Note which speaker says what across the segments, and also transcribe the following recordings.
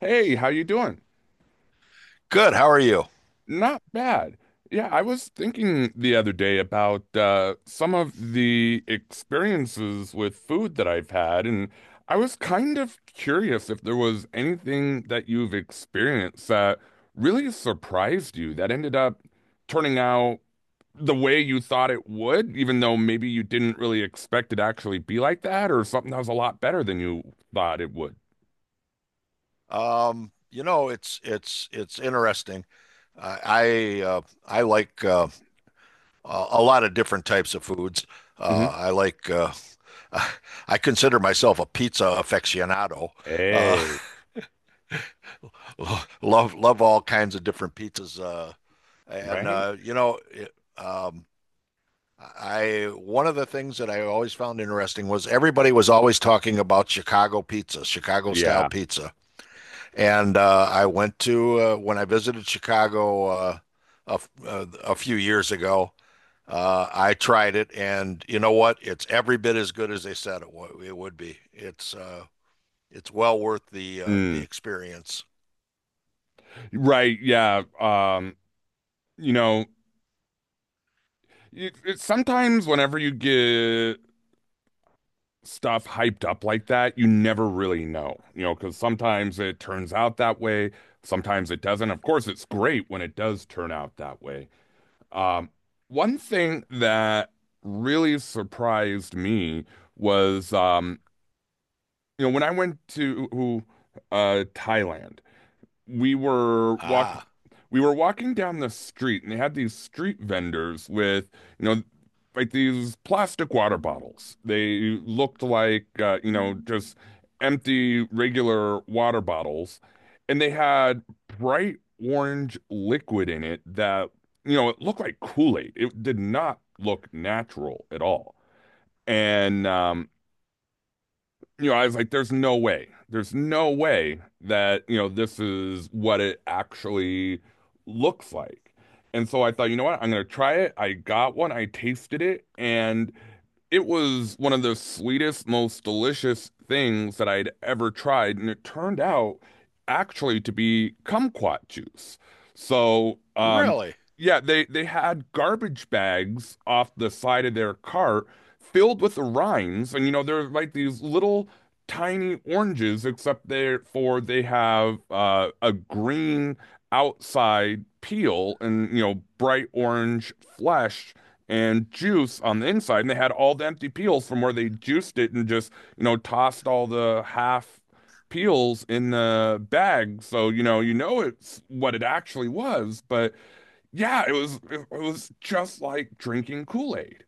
Speaker 1: Hey, how you doing?
Speaker 2: Good. How are you?
Speaker 1: Not bad. Yeah, I was thinking the other day about some of the experiences with food that I've had, and I was kind of curious if there was anything that you've experienced that really surprised you that ended up turning out the way you thought it would, even though maybe you didn't really expect it to actually be like that, or something that was a lot better than you thought it would.
Speaker 2: It's interesting. Uh, I uh, I like a lot of different types of foods.
Speaker 1: Hmm.
Speaker 2: I like I consider myself a pizza aficionado. Uh,
Speaker 1: Hey,
Speaker 2: love all kinds of different pizzas. And
Speaker 1: right?
Speaker 2: you know, it, I One of the things that I always found interesting was everybody was always talking about Chicago pizza, Chicago style
Speaker 1: Yeah.
Speaker 2: pizza. And I went to when I visited Chicago a few years ago. I tried it, and you know what? It's every bit as good as they said it would be. It's well worth the experience.
Speaker 1: Right, yeah. You know, sometimes whenever you get stuff hyped up like that, you never really know, because sometimes it turns out that way, sometimes it doesn't. Of course, it's great when it does turn out that way. Um, one thing that really surprised me was, you know, when I went to Thailand, we were walking
Speaker 2: Ah,
Speaker 1: we were walking down the street and they had these street vendors with, you know, like these plastic water bottles. They looked like, you know, just empty regular water bottles. And they had bright orange liquid in it that, you know, it looked like Kool-Aid. It did not look natural at all. And you know, I was like, there's no way. There's no way that, you know, this is what it actually looks like. And so I thought, you know what? I'm going to try it. I got one, I tasted it, and it was one of the sweetest, most delicious things that I'd ever tried, and it turned out actually to be kumquat juice. So,
Speaker 2: really?
Speaker 1: yeah, they had garbage bags off the side of their cart filled with the rinds, and you know they're like these little tiny oranges, except they have a green outside peel and you know bright orange flesh and juice on the inside. And they had all the empty peels from where they juiced it and just, you know, tossed all the half peels in the bag. So, you know it's what it actually was. But yeah, it was just like drinking Kool-Aid.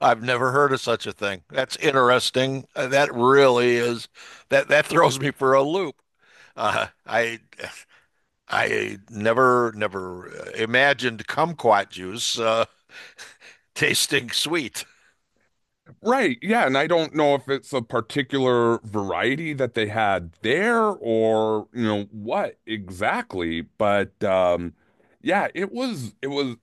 Speaker 2: I've never heard of such a thing. That's interesting. That really is that throws me for a loop. Uh, I I never imagined kumquat juice tasting sweet.
Speaker 1: Right. Yeah, and I don't know if it's a particular variety that they had there or, you know, what exactly, but yeah, it was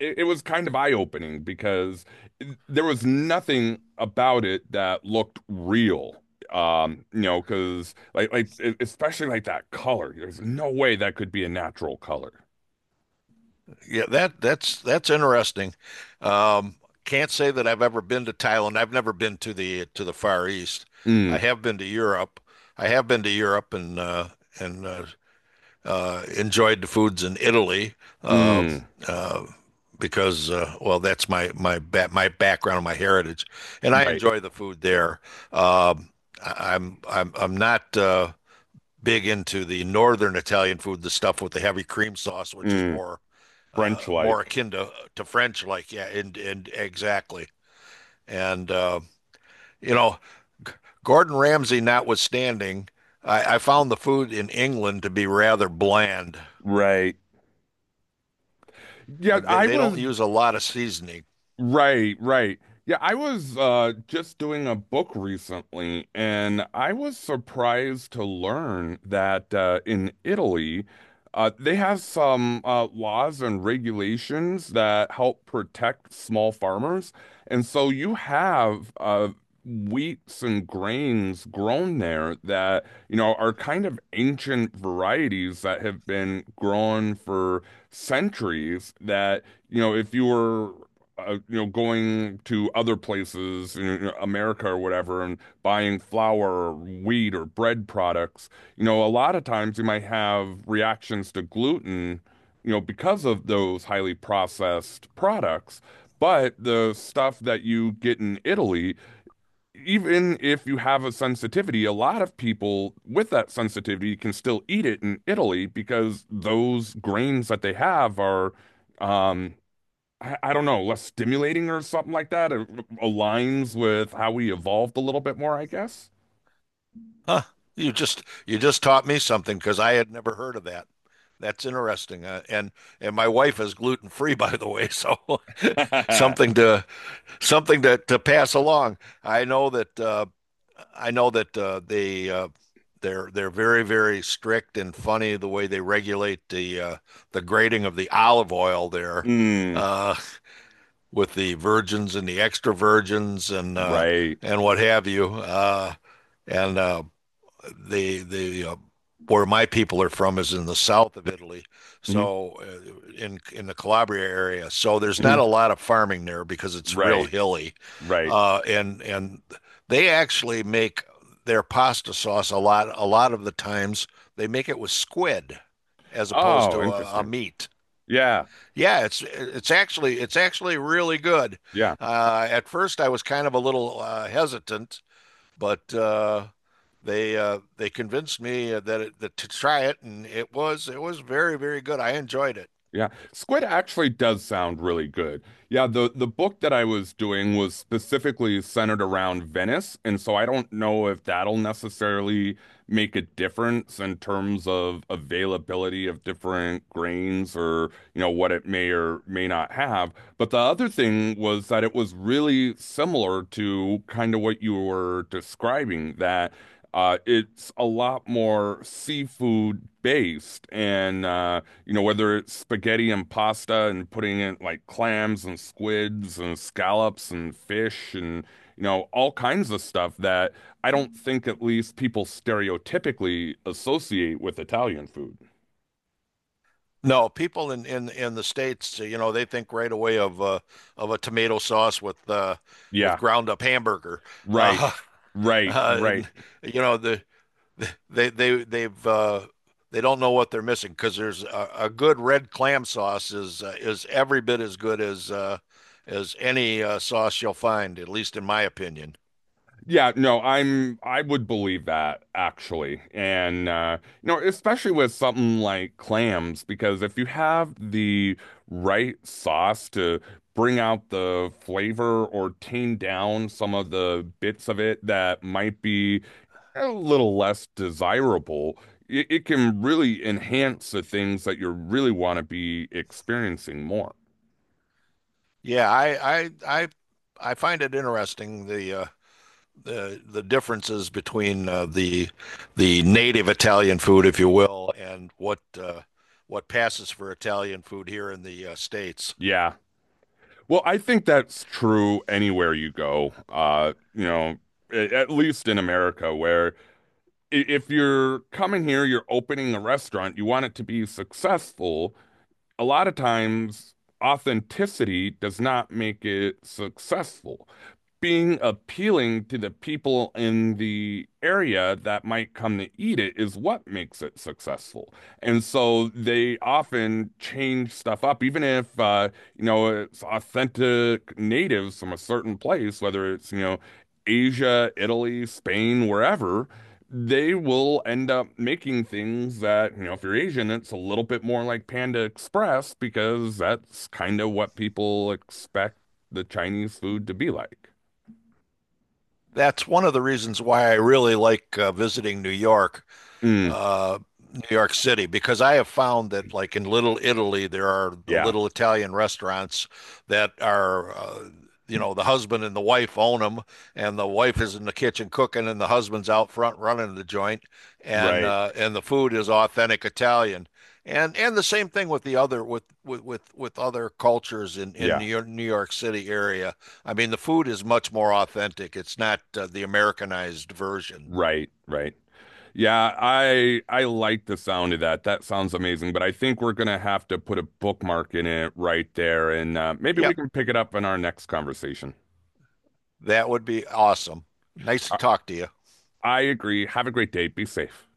Speaker 1: it was kind of eye-opening because there was nothing about it that looked real. You know, because especially like that color. There's no way that could be a natural color.
Speaker 2: Yeah, that's interesting. Um, can't say that I've ever been to Thailand. I've never been to the Far East. I
Speaker 1: Mm,
Speaker 2: have been to Europe. I have been to Europe and enjoyed the foods in Italy uh,
Speaker 1: mm,
Speaker 2: uh, because well, that's my background, my heritage, and I
Speaker 1: right.
Speaker 2: enjoy the food there. Um, I'm not big into the northern Italian food, the stuff with the heavy cream sauce, which is
Speaker 1: Mm,
Speaker 2: more
Speaker 1: French
Speaker 2: more
Speaker 1: like.
Speaker 2: akin to French, like, yeah, and exactly. And uh, you know, Gordon Ramsay notwithstanding, I found the food in England to be rather bland.
Speaker 1: Right. Yeah, I
Speaker 2: They don't
Speaker 1: was
Speaker 2: use a lot of seasoning.
Speaker 1: Right, right. Yeah, I was just doing a book recently and I was surprised to learn that in Italy they have some laws and regulations that help protect small farmers. And so you have wheats and grains grown there that, you know, are kind of ancient varieties that have been grown for centuries that you know, if you were you know, going to other places, you know, America or whatever, and buying flour or wheat or bread products, you know, a lot of times you might have reactions to gluten, you know, because of those highly processed products. But the stuff that you get in Italy, even if you have a sensitivity, a lot of people with that sensitivity can still eat it in Italy because those grains that they have are, um, I don't know, less stimulating or something like that. It aligns with how we evolved a little bit more, I guess.
Speaker 2: Huh? You just taught me something because I had never heard of that. That's interesting. And my wife is gluten free, by the way, so something to something to pass along. I know that uh, I know that they're very very strict and funny the way they regulate the grading of the olive oil there
Speaker 1: Mm,
Speaker 2: uh, with the virgins and the extra virgins
Speaker 1: right.
Speaker 2: and what have you. And the Where my people are from is in the south of Italy,
Speaker 1: Hmm.
Speaker 2: so in the Calabria area. So there's
Speaker 1: Hmm.
Speaker 2: not a lot of farming there because it's real
Speaker 1: Right.
Speaker 2: hilly,
Speaker 1: Right.
Speaker 2: and they actually make their pasta sauce a lot of the times they make it with squid as opposed
Speaker 1: Oh,
Speaker 2: to a
Speaker 1: interesting.
Speaker 2: meat.
Speaker 1: Yeah.
Speaker 2: Yeah, it's actually really good.
Speaker 1: Yeah.
Speaker 2: At first, I was kind of a little hesitant, but they convinced me that to try it, and it was very very good. I enjoyed it.
Speaker 1: Yeah, squid actually does sound really good. Yeah, the book that I was doing was specifically centered around Venice, and so I don't know if that'll necessarily make a difference in terms of availability of different grains or, you know, what it may or may not have. But the other thing was that it was really similar to kind of what you were describing, that it's a lot more seafood based and you know, whether it's spaghetti and pasta and putting in like clams and squids and scallops and fish and, you know, all kinds of stuff that I don't think at least people stereotypically associate with Italian food.
Speaker 2: No, people in the States, they think right away of a tomato sauce with
Speaker 1: Yeah,
Speaker 2: ground up hamburger.
Speaker 1: right,
Speaker 2: Uh,
Speaker 1: right,
Speaker 2: uh,
Speaker 1: right.
Speaker 2: and, you know they they they've uh, they don't know what they're missing because there's a good red clam sauce is every bit as good as any sauce you'll find, at least in my opinion.
Speaker 1: Yeah, no, I would believe that actually. And you know, especially with something like clams because if you have the right sauce to bring out the flavor or tame down some of the bits of it that might be a little less desirable, it can really enhance the things that you really want to be experiencing more.
Speaker 2: Yeah, I I I I find it interesting the differences between the native Italian food, if you will, and what passes for Italian food here in the States.
Speaker 1: Yeah. Well, I think that's true anywhere you go. You know, at least in America, where if you're coming here, you're opening a restaurant, you want it to be successful. A lot of times, authenticity does not make it successful. Being appealing to the people in the area that might come to eat it is what makes it successful. And so they often change stuff up, even if you know it's authentic natives from a certain place, whether it's you know Asia, Italy, Spain, wherever. They will end up making things that, you know, if you're Asian, it's a little bit more like Panda Express because that's kind of what people expect the Chinese food to be like.
Speaker 2: That's one of the reasons why I really like visiting New York.
Speaker 1: Mm,
Speaker 2: uh, New York City because I have found that, like in Little Italy, there are the
Speaker 1: yeah,
Speaker 2: little Italian restaurants that are, you know, the husband and the wife own them, and the wife is in the kitchen cooking, and the husband's out front running the joint,
Speaker 1: right.
Speaker 2: and the food is authentic Italian. And the same thing with the other with other cultures in
Speaker 1: Yeah,
Speaker 2: New York, New York City area. I mean, the food is much more authentic. It's not the Americanized version.
Speaker 1: right, right. Yeah, I like the sound of that. That sounds amazing, but I think we're gonna have to put a bookmark in it right there, and maybe
Speaker 2: Yeah,
Speaker 1: we can pick it up in our next conversation.
Speaker 2: that would be awesome. Nice to
Speaker 1: I,
Speaker 2: talk to you.
Speaker 1: I agree. Have a great day. Be safe.